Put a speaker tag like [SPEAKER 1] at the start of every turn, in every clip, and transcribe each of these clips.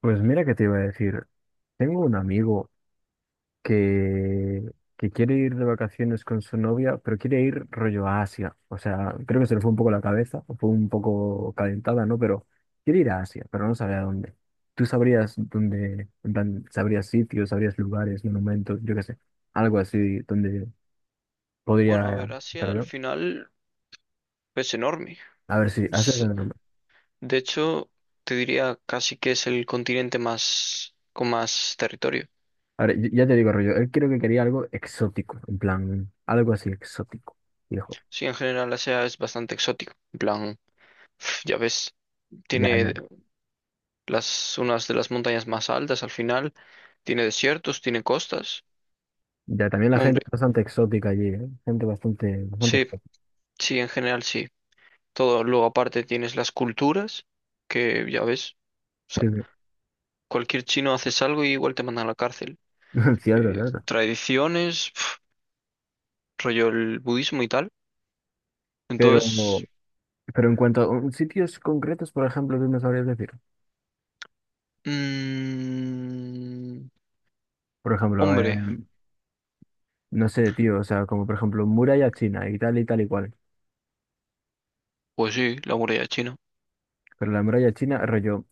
[SPEAKER 1] Pues mira que te iba a decir, tengo un amigo que, que quiere ir de vacaciones con su novia, pero quiere ir rollo a Asia. O sea, creo que se le fue un poco la cabeza, o fue un poco calentada, ¿no? Pero quiere ir a Asia, pero no sabe a dónde. Tú sabrías dónde, en plan, sabrías sitios, sabrías lugares, monumentos, yo qué sé, algo así donde
[SPEAKER 2] Bueno, a
[SPEAKER 1] podría
[SPEAKER 2] ver, Asia
[SPEAKER 1] estar
[SPEAKER 2] al
[SPEAKER 1] yo.
[SPEAKER 2] final es enorme.
[SPEAKER 1] A ver si, Asia es
[SPEAKER 2] Es-
[SPEAKER 1] donde no.
[SPEAKER 2] De hecho, te diría casi que es el continente más con más territorio.
[SPEAKER 1] A ver, ya te digo, rollo, él creo que quería algo exótico, en plan, algo así exótico, viejo.
[SPEAKER 2] Sí, en general Asia es bastante exótico. En plan, pf, ya ves, tiene
[SPEAKER 1] Ya,
[SPEAKER 2] las unas de las montañas más altas al final, tiene desiertos, tiene costas.
[SPEAKER 1] ya, también la gente
[SPEAKER 2] Hombre,
[SPEAKER 1] es bastante exótica allí, ¿eh? Gente bastante, bastante
[SPEAKER 2] sí,
[SPEAKER 1] exótica.
[SPEAKER 2] sí, en general sí. Todo, luego aparte tienes las culturas, que ya ves, o sea,
[SPEAKER 1] Sí, sí.
[SPEAKER 2] cualquier chino haces algo y igual te mandan a la cárcel.
[SPEAKER 1] Cierto, cierto.
[SPEAKER 2] Tradiciones, rollo el budismo y tal.
[SPEAKER 1] Pero,
[SPEAKER 2] Entonces,
[SPEAKER 1] pero en cuanto a sitios concretos, por ejemplo, ¿tú me sabrías decir?
[SPEAKER 2] mm,
[SPEAKER 1] Por ejemplo,
[SPEAKER 2] hombre,
[SPEAKER 1] no sé, tío, o sea, como por ejemplo muralla china y tal y tal y cual.
[SPEAKER 2] pues sí, la muralla china.
[SPEAKER 1] Pero la muralla china, rollo,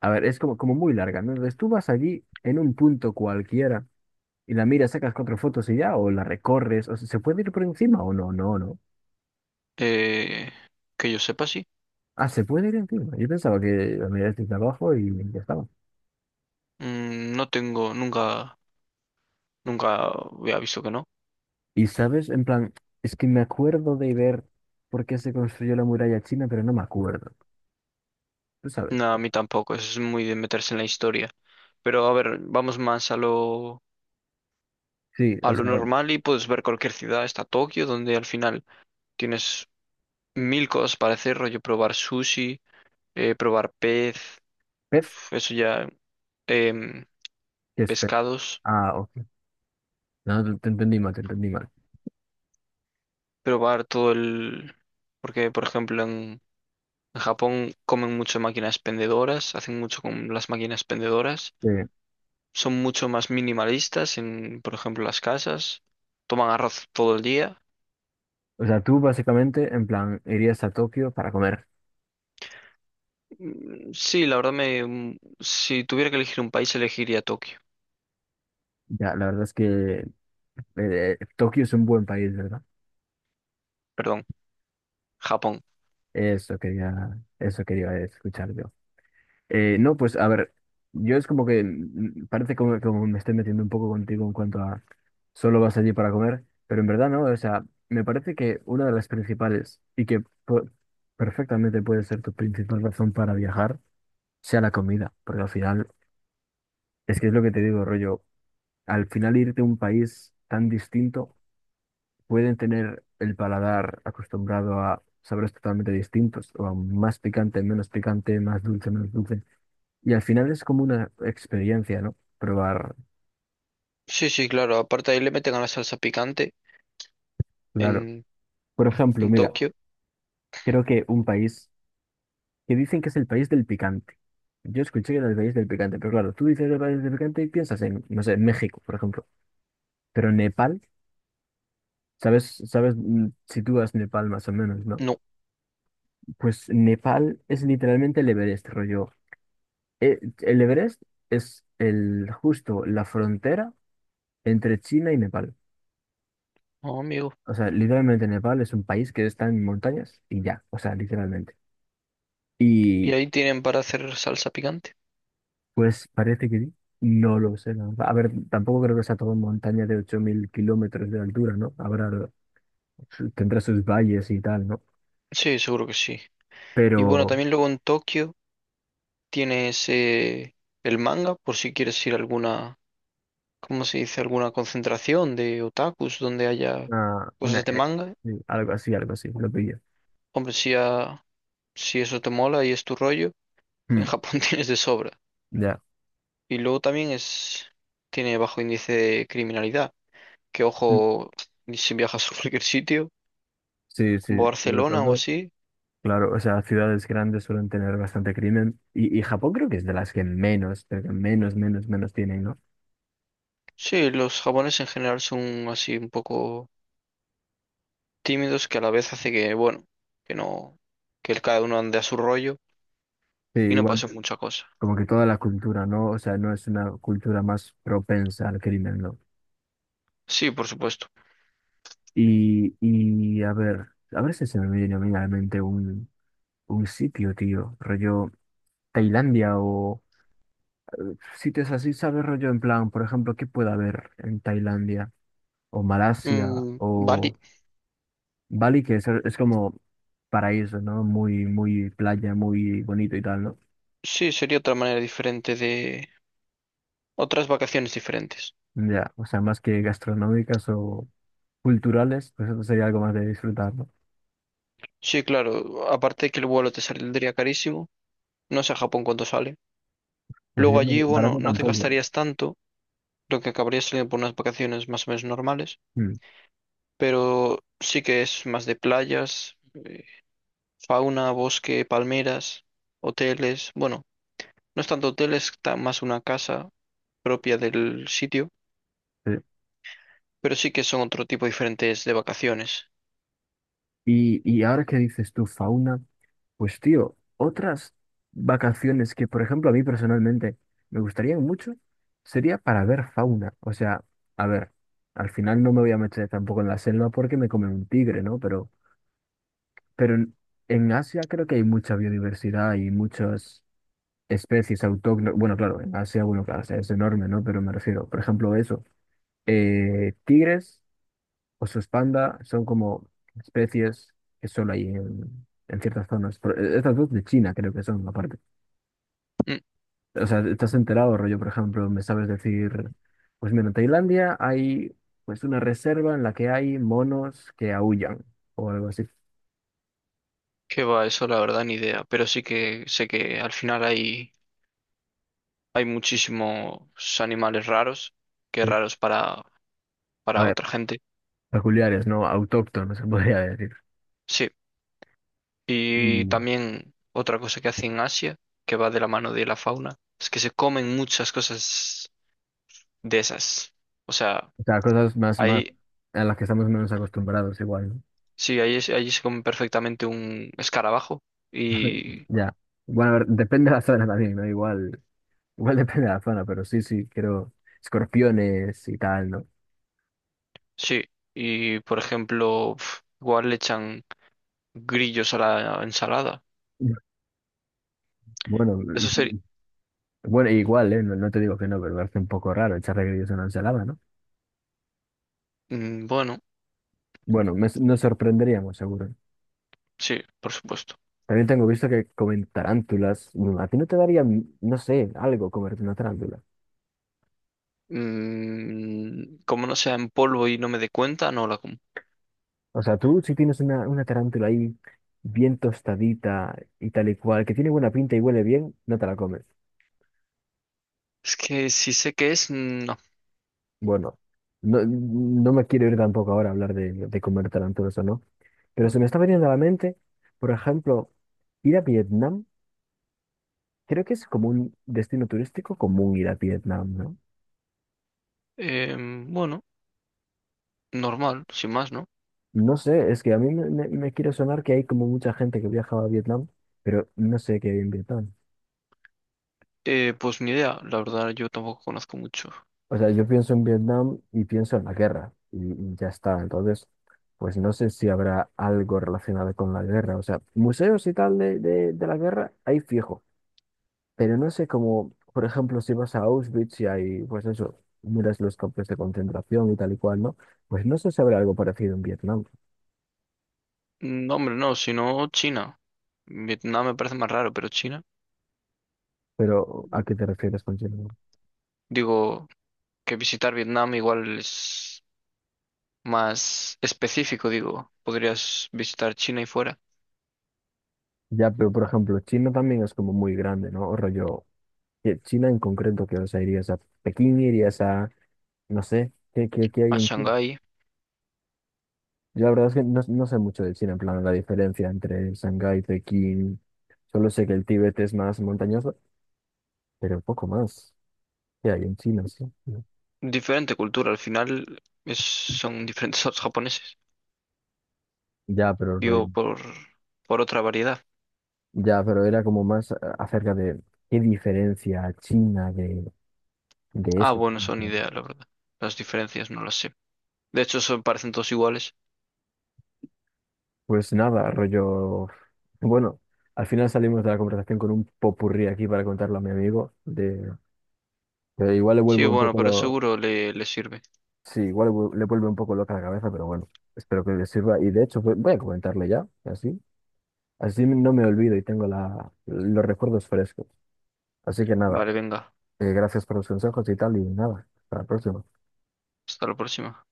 [SPEAKER 1] a ver, es como, como muy larga, ¿no? Entonces tú vas allí en un punto cualquiera y la miras, sacas cuatro fotos y ya, o la recorres, o sea, ¿se puede ir por encima o no? No, no.
[SPEAKER 2] Eh, que yo sepa, sí.
[SPEAKER 1] Ah, se puede ir encima. Yo pensaba que la miras desde abajo y ya estaba.
[SPEAKER 2] Mm, no tengo, nunca había visto que no.
[SPEAKER 1] Y sabes, en plan, es que me acuerdo de ver por qué se construyó la muralla china, pero no me acuerdo. Tú sabes.
[SPEAKER 2] No, a mí tampoco, eso es muy de meterse en la historia. Pero a ver, vamos más a
[SPEAKER 1] Sí,
[SPEAKER 2] a
[SPEAKER 1] o
[SPEAKER 2] lo
[SPEAKER 1] sea,
[SPEAKER 2] normal y puedes ver cualquier ciudad, está Tokio, donde al final tienes mil cosas para hacer, rollo probar sushi, probar pez,
[SPEAKER 1] Pez,
[SPEAKER 2] eso ya. em,
[SPEAKER 1] ¿qué es Pez?
[SPEAKER 2] Pescados.
[SPEAKER 1] Ah, ok. No, te entendí mal, te entendí mal.
[SPEAKER 2] Probar todo el... Porque, por ejemplo, en Japón comen mucho máquinas pendedoras, hacen mucho con las máquinas pendedoras,
[SPEAKER 1] Eh,
[SPEAKER 2] son mucho más minimalistas en, por ejemplo, las casas, toman arroz todo el día.
[SPEAKER 1] o sea, tú básicamente, en plan, irías a Tokio para comer.
[SPEAKER 2] Sí, la verdad me... si tuviera que elegir un país, elegiría Tokio,
[SPEAKER 1] Ya, la verdad es que Tokio es un buen país, ¿verdad?
[SPEAKER 2] perdón, Japón.
[SPEAKER 1] Eso quería escuchar yo. No, pues a ver, yo es como que parece como, como me estoy metiendo un poco contigo en cuanto a solo vas allí para comer, pero en verdad no, o sea, me parece que una de las principales y que perfectamente puede ser tu principal razón para viajar sea la comida, porque al final, es que es lo que te digo, rollo, al final irte a un país tan distinto, pueden tener el paladar acostumbrado a sabores totalmente distintos, o a más picante, menos picante, más dulce, menos dulce. Y al final es como una experiencia, ¿no? Probar,
[SPEAKER 2] Sí, sí, claro, aparte ahí le meten a la salsa picante
[SPEAKER 1] claro.
[SPEAKER 2] en,
[SPEAKER 1] Por ejemplo,
[SPEAKER 2] en
[SPEAKER 1] mira,
[SPEAKER 2] Tokio.
[SPEAKER 1] creo que un país que dicen que es el país del picante. Yo escuché que era el país del picante, pero claro, tú dices el país del picante y piensas en, no sé, México, por ejemplo. Pero Nepal, ¿sabes, sabes, sitúas Nepal más o menos, ¿no?
[SPEAKER 2] No,
[SPEAKER 1] Pues Nepal es literalmente el Everest, rollo. El Everest es el, justo la frontera entre China y Nepal.
[SPEAKER 2] no, amigo.
[SPEAKER 1] O sea, literalmente Nepal es un país que está en montañas y ya, o sea, literalmente.
[SPEAKER 2] ¿Y
[SPEAKER 1] Y
[SPEAKER 2] ahí tienen para hacer salsa picante?
[SPEAKER 1] pues parece que sí. No lo sé, la verdad. A ver, tampoco creo que sea todo montaña de 8000 kilómetros de altura, ¿no? Habrá, tendrá sus valles y tal, ¿no?
[SPEAKER 2] Sí, seguro que sí. Y bueno,
[SPEAKER 1] Pero
[SPEAKER 2] también luego en Tokio... tienes el manga por si quieres ir a alguna, ¿cómo se dice? Alguna concentración de otakus donde haya
[SPEAKER 1] ah, una,
[SPEAKER 2] cosas de manga.
[SPEAKER 1] sí, algo así, lo pillo.
[SPEAKER 2] Hombre, si, si eso te mola y es tu rollo, en
[SPEAKER 1] Mm,
[SPEAKER 2] Japón tienes de sobra.
[SPEAKER 1] ya.
[SPEAKER 2] Y luego también es, tiene bajo índice de criminalidad. Que
[SPEAKER 1] Mm.
[SPEAKER 2] ojo, si viajas a cualquier sitio,
[SPEAKER 1] Sí, sí,
[SPEAKER 2] como
[SPEAKER 1] sobre
[SPEAKER 2] Barcelona o
[SPEAKER 1] todo,
[SPEAKER 2] así.
[SPEAKER 1] claro, o sea, ciudades grandes suelen tener bastante crimen y Japón creo que es de las que menos, pero que menos, menos, menos tienen, ¿no?
[SPEAKER 2] Sí, los japoneses en general son así un poco tímidos que a la vez hace que, bueno, que no, que cada uno ande a su rollo
[SPEAKER 1] Sí,
[SPEAKER 2] y no
[SPEAKER 1] igual,
[SPEAKER 2] pase mucha cosa.
[SPEAKER 1] como que toda la cultura, ¿no? O sea, no es una cultura más propensa al crimen, ¿no?
[SPEAKER 2] Sí, por supuesto.
[SPEAKER 1] Y a ver si se me viene a mí a la mente un sitio, tío, rollo Tailandia o sitios así, ¿sabes? Rollo en plan, por ejemplo, ¿qué puede haber en Tailandia o Malasia
[SPEAKER 2] Mm, vale.
[SPEAKER 1] o Bali, que es como paraíso, ¿no? Muy, muy playa, muy bonito y tal, ¿no?
[SPEAKER 2] Sí, sería otra manera diferente de... Otras vacaciones diferentes.
[SPEAKER 1] Ya, o sea, más que gastronómicas o culturales, pues eso sería algo más de disfrutar, ¿no?
[SPEAKER 2] Sí, claro. Aparte de que el vuelo te saldría carísimo. No sé a Japón cuánto sale.
[SPEAKER 1] Pues
[SPEAKER 2] Luego
[SPEAKER 1] yo
[SPEAKER 2] allí, bueno,
[SPEAKER 1] barato
[SPEAKER 2] no te
[SPEAKER 1] tampoco,
[SPEAKER 2] gastarías tanto, lo que acabaría saliendo por unas vacaciones más o menos normales.
[SPEAKER 1] ¿no? Mm,
[SPEAKER 2] Pero sí que es más de playas, fauna, bosque, palmeras, hoteles. Bueno, no es tanto hoteles, más una casa propia del sitio.
[SPEAKER 1] sí.
[SPEAKER 2] Pero sí que son otro tipo diferentes de vacaciones.
[SPEAKER 1] Y ahora que dices tú, fauna. Pues tío, otras vacaciones que, por ejemplo, a mí personalmente me gustarían mucho sería para ver fauna. O sea, a ver, al final no me voy a meter tampoco en la selva porque me come un tigre, ¿no? Pero en Asia creo que hay mucha biodiversidad y muchas especies autóctonas. Bueno, claro, en Asia, bueno, claro, o sea, es enorme, ¿no? Pero me refiero, por ejemplo, eso. Tigres, osos panda, son como especies que solo hay en ciertas zonas. Pero, estas dos de China creo que son, aparte.
[SPEAKER 2] Mm.
[SPEAKER 1] O sea, estás enterado, rollo, por ejemplo, me sabes decir, pues mira, en Tailandia hay pues una reserva en la que hay monos que aúllan o algo así.
[SPEAKER 2] Qué va, eso la verdad ni idea, pero sí que sé que al final hay muchísimos animales raros, que
[SPEAKER 1] Sí.
[SPEAKER 2] raros
[SPEAKER 1] A
[SPEAKER 2] para
[SPEAKER 1] ver,
[SPEAKER 2] otra gente.
[SPEAKER 1] peculiares, ¿no? Autóctonos, se podría decir.
[SPEAKER 2] Sí, y
[SPEAKER 1] Mm.
[SPEAKER 2] también otra cosa que hace en Asia, que va de la mano de la fauna, es que se comen muchas cosas de esas. O sea,
[SPEAKER 1] O sea, cosas más, más
[SPEAKER 2] ahí,
[SPEAKER 1] a las que estamos menos acostumbrados igual, ¿no?
[SPEAKER 2] sí, ahí se come perfectamente un escarabajo y
[SPEAKER 1] Ya. Bueno, a ver, depende de la zona también, ¿no? Igual, igual depende de la zona, pero sí, sí, quiero escorpiones y tal, ¿no?
[SPEAKER 2] sí, y por ejemplo, pf, igual le echan grillos a la ensalada.
[SPEAKER 1] Bueno,
[SPEAKER 2] Eso sería,
[SPEAKER 1] bueno, igual, ¿eh? No, no te digo que no, pero me parece un poco raro echarle grillos a una ensalada, ¿no?
[SPEAKER 2] bueno.
[SPEAKER 1] Bueno, nos sorprenderíamos, seguro.
[SPEAKER 2] Sí, por supuesto.
[SPEAKER 1] También tengo visto que comen tarántulas. Mm, a ti no te daría, no sé, algo comerte una tarántula.
[SPEAKER 2] Mm, como no sea en polvo y no me dé cuenta, no la como.
[SPEAKER 1] O sea, tú si tienes una tarántula ahí bien tostadita y tal y cual, que tiene buena pinta y huele bien, no te la comes.
[SPEAKER 2] Es que si sé qué es, mm, no.
[SPEAKER 1] Bueno, no, no me quiero ir tampoco ahora a hablar de comer tarántulas o no, pero se me está veniendo a la mente, por ejemplo, ir a Vietnam. Creo que es como un destino turístico común ir a Vietnam, ¿no?
[SPEAKER 2] Bueno, normal, sin más, ¿no?
[SPEAKER 1] No sé, es que a mí me quiere sonar que hay como mucha gente que viajaba a Vietnam, pero no sé qué hay en Vietnam.
[SPEAKER 2] Pues ni idea, la verdad yo tampoco conozco mucho.
[SPEAKER 1] O sea, yo pienso en Vietnam y pienso en la guerra y ya está. Entonces, pues no sé si habrá algo relacionado con la guerra. O sea, museos y tal de la guerra hay fijo, pero no sé cómo, por ejemplo, si vas a Auschwitz y hay, pues eso, miras los campos de concentración y tal y cual, ¿no? Pues no sé si habrá algo parecido en Vietnam,
[SPEAKER 2] No, hombre, no, sino China. Vietnam me parece más raro, pero China.
[SPEAKER 1] pero ¿a qué te refieres con Chile?
[SPEAKER 2] Digo, que visitar Vietnam igual es más específico, digo. Podrías visitar China y fuera,
[SPEAKER 1] Ya, pero por ejemplo, China también es como muy grande, ¿no? O rollo, que China en concreto, que, o sea, irías a Pekín, irías a, no sé, ¿qué, qué, qué hay
[SPEAKER 2] a
[SPEAKER 1] en China?
[SPEAKER 2] Shanghái.
[SPEAKER 1] Yo la verdad es que no, no sé mucho de China, en plan, la diferencia entre Shanghái, Pekín, solo sé que el Tíbet es más montañoso, pero poco más. ¿Qué hay en China? Sí. No.
[SPEAKER 2] Diferente cultura, al final son diferentes a los japoneses.
[SPEAKER 1] Ya, pero
[SPEAKER 2] Digo,
[SPEAKER 1] rollo,
[SPEAKER 2] por otra variedad.
[SPEAKER 1] ya, pero era como más acerca de qué diferencia China de
[SPEAKER 2] Ah,
[SPEAKER 1] eso.
[SPEAKER 2] bueno, son ideas, la verdad. Las diferencias no las sé. De hecho, son, parecen todos iguales.
[SPEAKER 1] Pues nada, rollo. Bueno, al final salimos de la conversación con un popurrí aquí para contarlo a mi amigo. De... que igual le
[SPEAKER 2] Sí,
[SPEAKER 1] vuelve un
[SPEAKER 2] bueno,
[SPEAKER 1] poco
[SPEAKER 2] pero
[SPEAKER 1] lo.
[SPEAKER 2] seguro le sirve.
[SPEAKER 1] Sí, igual le le vuelve un poco loca la cabeza, pero bueno, espero que le sirva. Y de hecho, voy a comentarle ya, así. Así no me olvido y tengo la... los recuerdos frescos. Así que nada,
[SPEAKER 2] Vale, venga.
[SPEAKER 1] gracias por los consejos y tal, y nada, hasta la próxima.
[SPEAKER 2] Hasta la próxima.